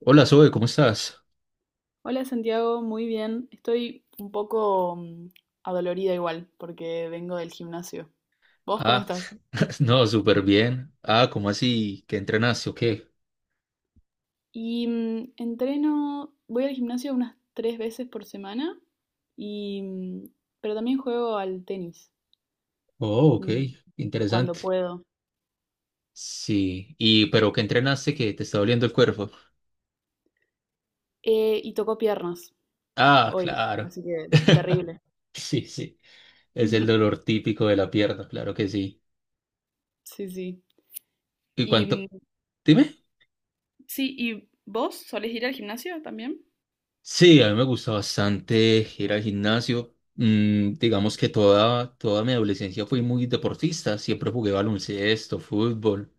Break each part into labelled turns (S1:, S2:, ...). S1: Hola Zoe, ¿cómo estás?
S2: Hola Santiago, muy bien. Estoy un poco adolorida igual porque vengo del gimnasio. ¿Vos cómo
S1: Ah,
S2: estás?
S1: no, súper bien. Ah, ¿cómo así? ¿Qué entrenaste o qué?
S2: Entreno, voy al gimnasio unas tres veces por semana y mm, pero también juego al tenis,
S1: Oh, ok,
S2: mm, cuando
S1: interesante.
S2: puedo.
S1: Sí, y pero ¿qué entrenaste que te está doliendo el cuerpo?
S2: Y tocó piernas
S1: Ah,
S2: hoy,
S1: claro.
S2: así que terrible.
S1: Sí, sí, es el dolor típico de la pierna, claro que sí.
S2: Sí, sí.
S1: ¿Y
S2: Y mm,
S1: cuánto? Dime.
S2: sí, ¿y vos solés ir al gimnasio también?
S1: Sí, a mí me gusta bastante ir al gimnasio. Digamos que toda mi adolescencia fui muy deportista, siempre jugué baloncesto, fútbol.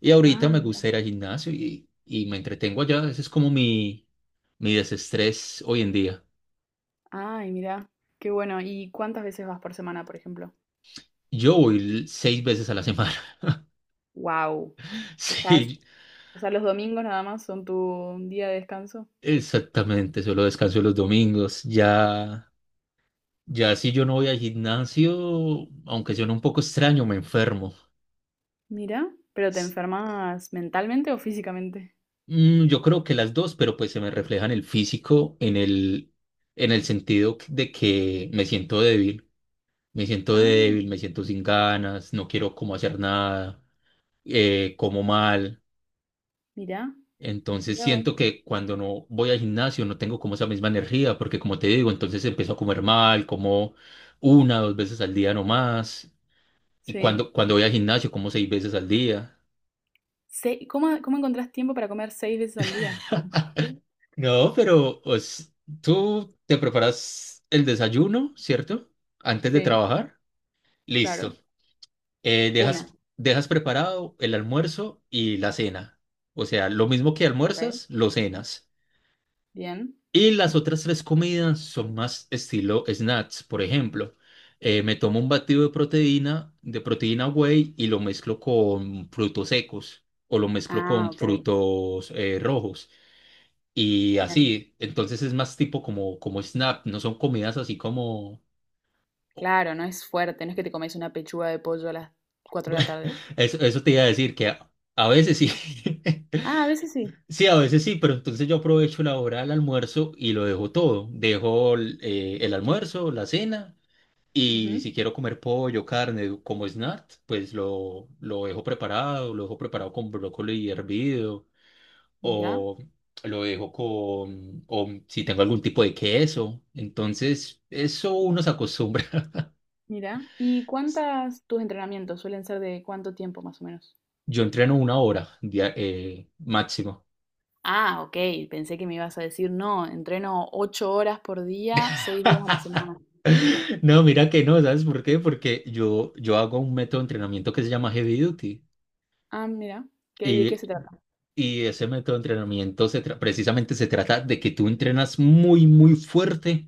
S1: Y ahorita me
S2: Ah.
S1: gusta ir al gimnasio y me entretengo allá. Ese es como mi desestrés hoy en día.
S2: Ay, mira, qué bueno. ¿Y cuántas veces vas por semana, por ejemplo?
S1: Yo voy seis veces a la semana.
S2: Wow. Dejas,
S1: Sí,
S2: o sea, los domingos nada más son tu día de descanso.
S1: exactamente. Solo descanso los domingos. Ya, ya si yo no voy al gimnasio, aunque suene un poco extraño, me enfermo.
S2: Mira, pero te
S1: S-
S2: enfermas mentalmente o físicamente.
S1: yo creo que las dos, pero pues se me refleja en el físico, en el sentido de que me siento débil. Me siento
S2: Ah,
S1: débil, me siento sin ganas, no quiero como hacer nada. Como mal.
S2: mira,
S1: Entonces
S2: mira vos.
S1: siento que cuando no voy al gimnasio no tengo como esa misma energía, porque como te digo, entonces empiezo a comer mal, como una, dos veces al día no más. Y
S2: Sí.
S1: cuando voy al gimnasio, como seis veces al día.
S2: Cómo encontrás tiempo para comer seis veces al día?
S1: No, pero pues, tú te preparas el desayuno, ¿cierto? Antes de
S2: Sí,
S1: trabajar.
S2: claro.
S1: Listo. Eh,
S2: Una,
S1: dejas, dejas preparado el almuerzo y la cena. O sea, lo mismo que
S2: ok.
S1: almuerzas, lo cenas.
S2: Bien.
S1: Y las otras tres comidas son más estilo snacks. Por ejemplo, me tomo un batido de proteína, whey y lo mezclo con frutos secos o lo mezclo
S2: Ah,
S1: con
S2: ok.
S1: frutos rojos. Y
S2: Bien.
S1: así, entonces es más tipo como snack, no son comidas así como.
S2: Claro, no es fuerte, no es que te comes una pechuga de pollo a las 4 de la tarde.
S1: Eso te iba a decir que a veces sí,
S2: Ah, a veces sí.
S1: sí, a veces sí, pero entonces yo aprovecho la hora del almuerzo y lo dejo todo. Dejo el almuerzo, la cena. Y si
S2: Ujú.
S1: quiero comer pollo, carne, como snack, pues lo dejo preparado con brócoli hervido,
S2: Ya.
S1: o lo dejo con, o si tengo algún tipo de queso. Entonces, eso uno se acostumbra.
S2: Mira, ¿y cuántas tus entrenamientos suelen ser de cuánto tiempo más o menos?
S1: Yo entreno una hora máximo.
S2: Ah, ok, pensé que me ibas a decir, no, entreno 8 horas por día, 6 días a la semana.
S1: No, mira que no, ¿sabes por qué? Porque yo hago un método de entrenamiento que se llama Heavy Duty.
S2: Ah, mira, de qué
S1: y
S2: se trata?
S1: Y ese método de entrenamiento precisamente se trata de que tú entrenas muy, muy fuerte,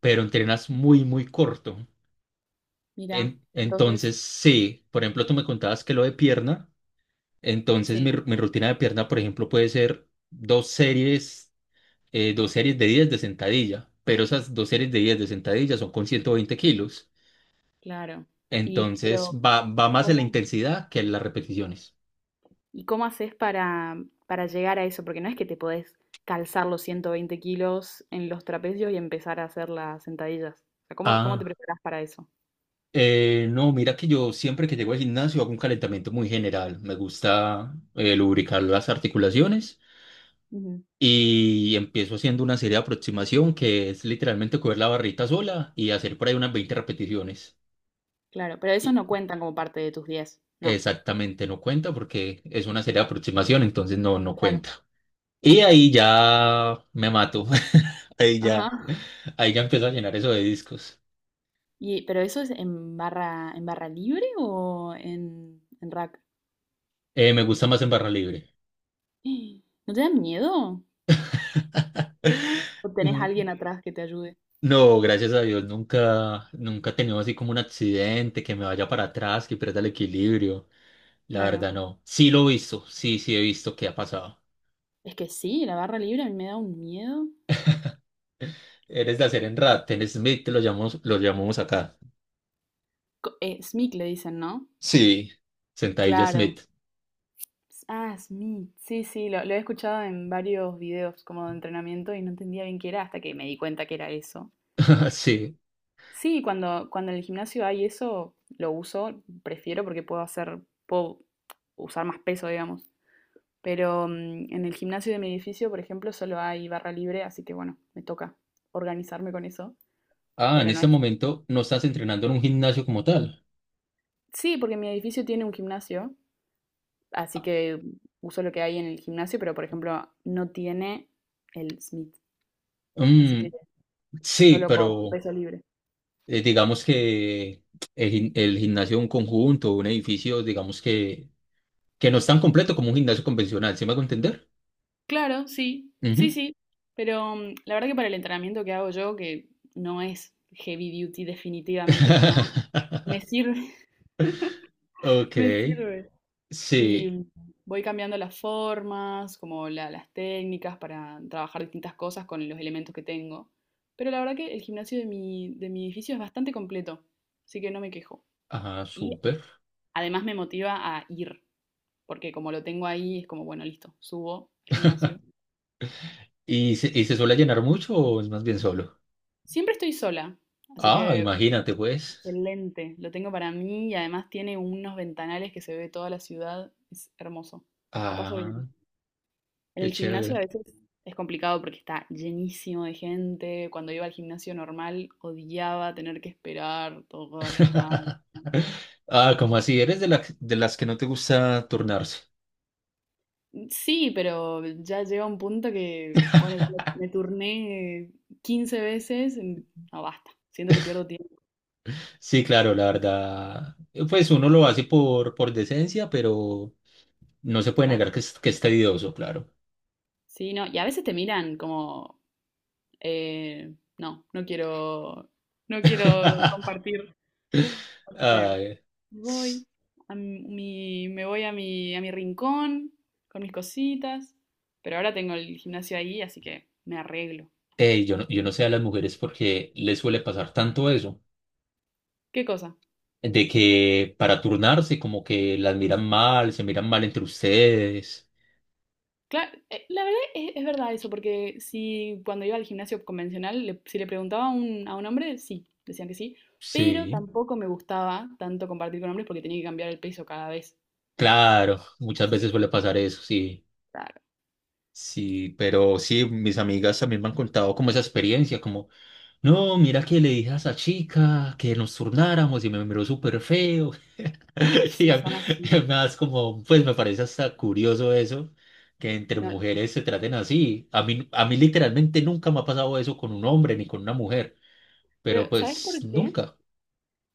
S1: pero entrenas muy, muy corto.
S2: Mira, entonces,
S1: Entonces, sí, por ejemplo, tú me contabas que lo de pierna, entonces mi,
S2: sí,
S1: ru- mi rutina de pierna, por ejemplo, puede ser dos series de 10 de sentadilla, pero esas dos series de 10 de sentadilla son con 120 kilos.
S2: claro. Y
S1: Entonces,
S2: pero,
S1: va más en la
S2: ¿cómo,
S1: intensidad que en las repeticiones.
S2: y cómo haces para llegar a eso? Porque no es que te podés calzar los 120 kilos en los trapecios y empezar a hacer las sentadillas. O sea, cómo te
S1: ah
S2: preparás para eso?
S1: No, mira que yo siempre que llego al gimnasio hago un calentamiento muy general. Me gusta lubricar las articulaciones
S2: Ujú.
S1: y empiezo haciendo una serie de aproximación que es literalmente coger la barrita sola y hacer por ahí unas 20 repeticiones.
S2: Claro, pero esos
S1: Y
S2: no cuentan como parte de tus 10, no.
S1: exactamente no cuenta porque es una serie de aproximación, entonces no
S2: Claro.
S1: cuenta. Y ahí ya me mato. Ahí
S2: Ajá.
S1: ya, Ahí ya empiezo a llenar eso de discos.
S2: Y, pero eso es en barra libre o en rack.
S1: Me gusta más en barra libre.
S2: ¡Eh! ¿No te da miedo? ¿O tenés
S1: Mm,
S2: alguien atrás que te ayude?
S1: No, gracias a Dios, nunca, nunca he tenido así como un accidente, que me vaya para atrás, que pierda el equilibrio. La
S2: Claro.
S1: verdad, no. Sí lo he visto, sí he visto que ha pasado.
S2: Es que sí, la barra libre a mí me da un miedo.
S1: Eres de hacer en Smith, lo llamamos acá.
S2: SMIC le dicen, ¿no?
S1: Sí, sentadilla
S2: Claro.
S1: Smith.
S2: Ah, SMIC. Sí, sí, lo he escuchado en varios videos como de entrenamiento y no entendía bien qué era hasta que me di cuenta que era eso.
S1: Sí.
S2: Sí, cuando en el gimnasio hay eso, lo uso, prefiero porque puedo puedo usar más peso, digamos. Pero en el gimnasio de mi edificio, por ejemplo, solo hay barra libre, así que bueno, me toca organizarme con eso.
S1: Ah, en
S2: Pero no
S1: este
S2: es.
S1: momento no estás entrenando en un gimnasio como tal.
S2: Sí, porque mi edificio tiene un gimnasio, así
S1: Ah,
S2: que uso lo que hay en el gimnasio, pero por ejemplo, no tiene el Smith, así que
S1: Mm, sí,
S2: solo con
S1: pero
S2: peso libre.
S1: digamos que el gimnasio de un conjunto, un edificio, digamos que no es tan completo como un gimnasio convencional, ¿sí me hago entender?
S2: Claro, sí, sí,
S1: Ujú.
S2: sí. Pero la verdad que para el entrenamiento que hago yo, que no es heavy duty, definitivamente que no, me sirve,
S1: Ok,
S2: me sirve.
S1: sí,
S2: Y voy cambiando las formas, como las técnicas para trabajar distintas cosas con los elementos que tengo. Pero la verdad que el gimnasio de mi edificio es bastante completo, así que no me quejo.
S1: ajá
S2: Y
S1: súper.
S2: además me motiva a ir, porque como lo tengo ahí, es como, bueno, listo, subo al gimnasio.
S1: ¿Y se suele llenar mucho o es más bien solo?
S2: Siempre estoy sola, así
S1: Ah,
S2: que
S1: imagínate pues.
S2: excelente, lo tengo para mí y además tiene unos ventanales que se ve toda la ciudad, es hermoso. La paso
S1: Ah,
S2: bien. En
S1: qué
S2: el gimnasio a
S1: chévere.
S2: veces es complicado porque está llenísimo de gente. Cuando iba al gimnasio normal odiaba tener que esperar todas las máquinas.
S1: Ah, como así, eres de las que no te gusta turnarse.
S2: Sí, pero ya llega un punto que, bueno, yo me turné 15 veces, no basta, siento que pierdo tiempo,
S1: Sí, claro, la verdad, pues uno lo hace por decencia, pero no se puede negar
S2: claro.
S1: que es tedioso, claro.
S2: Sí, no, y a veces te miran como, no, no quiero compartir. Así que
S1: Ay,
S2: voy me voy a mi rincón con mis cositas, pero ahora tengo el gimnasio ahí, así que me arreglo.
S1: Yo no sé a las mujeres porque les suele pasar tanto eso,
S2: ¿Qué cosa?
S1: de que para turnarse como que las miran mal, se miran mal entre ustedes.
S2: Claro, la verdad es verdad eso, porque si cuando iba al gimnasio convencional, si le preguntaba a a un hombre, sí, decían que sí, pero
S1: Sí,
S2: tampoco me gustaba tanto compartir con hombres porque tenía que cambiar el peso cada vez.
S1: claro, muchas
S2: Así
S1: veces
S2: que,
S1: suele pasar eso, sí.
S2: claro.
S1: Sí, pero sí, mis amigas también me han contado como esa experiencia, como, no, mira que le dije a esa chica que nos turnáramos y me miró súper feo.
S2: Ay,
S1: Y
S2: sí,
S1: a-
S2: son
S1: y
S2: así.
S1: además, como, pues me parece hasta curioso eso, que entre
S2: No,
S1: mujeres se traten así. A mí literalmente nunca me ha pasado eso con un hombre ni con una mujer, pero
S2: pero ¿sabes
S1: pues
S2: por qué?
S1: nunca.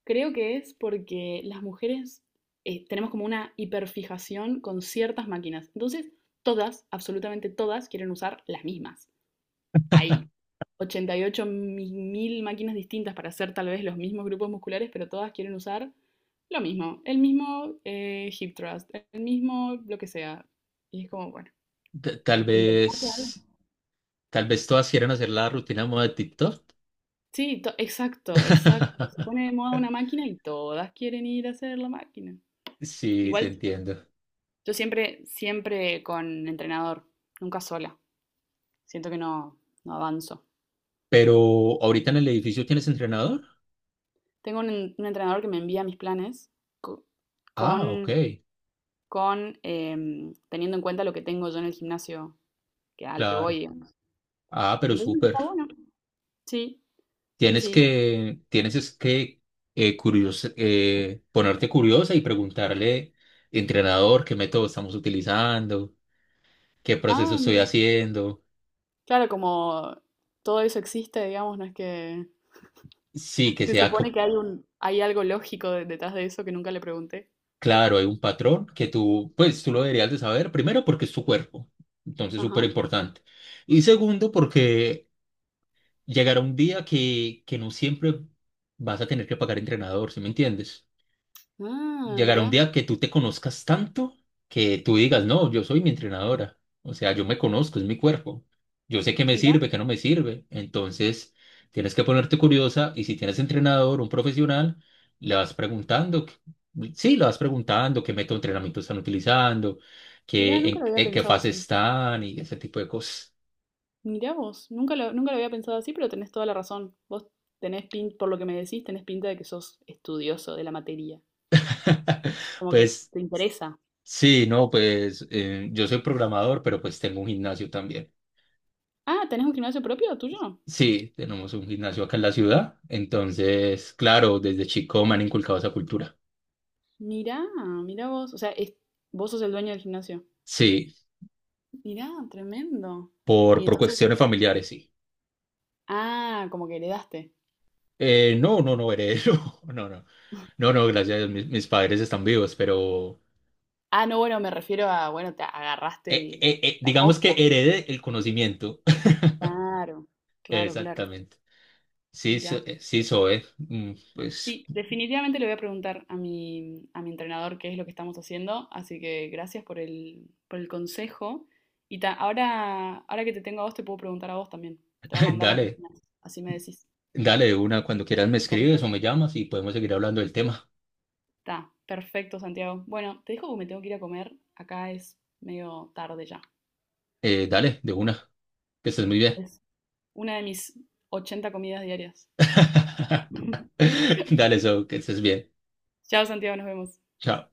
S2: Creo que es porque las mujeres tenemos como una hiperfijación con ciertas máquinas. Entonces, todas, absolutamente todas, quieren usar las mismas. Hay 88 mil máquinas distintas para hacer tal vez los mismos grupos musculares, pero todas quieren usar lo mismo, el mismo hip thrust, el mismo lo que sea. Y es como, bueno,
S1: Ta- Tal
S2: inventarse algo.
S1: vez, Tal vez todas quieran hacer la rutina de moda de TikTok.
S2: Sí, exacto, exacto. Se pone de moda una máquina y todas quieren ir a hacer la máquina.
S1: Sí, te
S2: Igual,
S1: entiendo.
S2: yo siempre, siempre con entrenador, nunca sola. Siento que no avanzo.
S1: Pero ahorita en el edificio tienes entrenador.
S2: Tengo un entrenador que me envía mis planes co-
S1: Ah, ok,
S2: con, teniendo en cuenta lo que tengo yo en el gimnasio al que voy,
S1: claro.
S2: digamos.
S1: Ah, pero
S2: Entonces
S1: súper.
S2: está bueno. Sí, sí, sí.
S1: Tienes es que ponerte curiosa y preguntarle, entrenador, qué método estamos utilizando, qué proceso
S2: Ah,
S1: estoy
S2: mira.
S1: haciendo.
S2: Claro, como todo eso existe, digamos, no es que
S1: Sí, que
S2: se
S1: sea
S2: supone
S1: co-
S2: que hay hay algo lógico detrás de eso que nunca le pregunté.
S1: claro, hay un patrón que tú, pues tú lo deberías de saber, primero porque es tu cuerpo, entonces
S2: Ajá.
S1: súper importante. Y segundo porque llegará un día que no siempre vas a tener que pagar entrenador, ¿sí me entiendes?
S2: Ah,
S1: Llegará un
S2: mira,
S1: día que tú te conozcas tanto que tú digas, no, yo soy mi entrenadora. O sea, yo me conozco, es mi cuerpo. Yo sé qué me
S2: mira,
S1: sirve, qué no me sirve. Entonces, tienes que ponerte curiosa y si tienes entrenador, un profesional, le vas preguntando, que- sí, le vas preguntando qué método de entrenamiento están utilizando,
S2: mira,
S1: qué,
S2: nunca
S1: en,
S2: lo había
S1: en qué
S2: pensado
S1: fase
S2: así.
S1: están y ese tipo de cosas.
S2: Mirá vos, nunca lo había pensado así, pero tenés toda la razón. Vos tenés pinta, por lo que me decís, tenés pinta de que sos estudioso de la materia. Como que
S1: Pues
S2: te interesa.
S1: sí, no, pues yo soy programador, pero pues tengo un gimnasio también.
S2: Ah, ¿tenés un gimnasio propio tuyo?
S1: Sí, tenemos un gimnasio acá en la ciudad, entonces, claro, desde chico me han inculcado esa cultura.
S2: Mirá, mirá vos. O sea, vos sos el dueño del gimnasio.
S1: Sí,
S2: Mirá, tremendo. Y
S1: por
S2: entonces,
S1: cuestiones familiares, sí.
S2: como que heredaste.
S1: No, no, no, heredero, no, no, no, no, gracias a Dios, mis padres están vivos, pero
S2: Ah, no, bueno, me refiero a, bueno, te agarraste la
S1: digamos que
S2: posta.
S1: herede el conocimiento.
S2: Claro, claro, claro.
S1: Exactamente. Sí,
S2: Mirá.
S1: sí, Zoe, pues
S2: Sí, definitivamente le voy a preguntar a mi entrenador qué es lo que estamos haciendo, así que gracias por el consejo. Y ahora que te tengo a vos, te puedo preguntar a vos también. Te voy a mandar las
S1: dale,
S2: rutinas, así me decís,
S1: dale de una, cuando quieras me
S2: ¿te
S1: escribes
S2: parece?
S1: o me llamas y podemos seguir hablando del tema.
S2: Está perfecto, Santiago. Bueno, te dejo porque me tengo que ir a comer, acá es medio tarde ya.
S1: Dale, de una, que estés muy bien.
S2: Es una de mis 80 comidas diarias.
S1: Dale, eso, que estés bien.
S2: Chao, Santiago, nos vemos.
S1: Chao.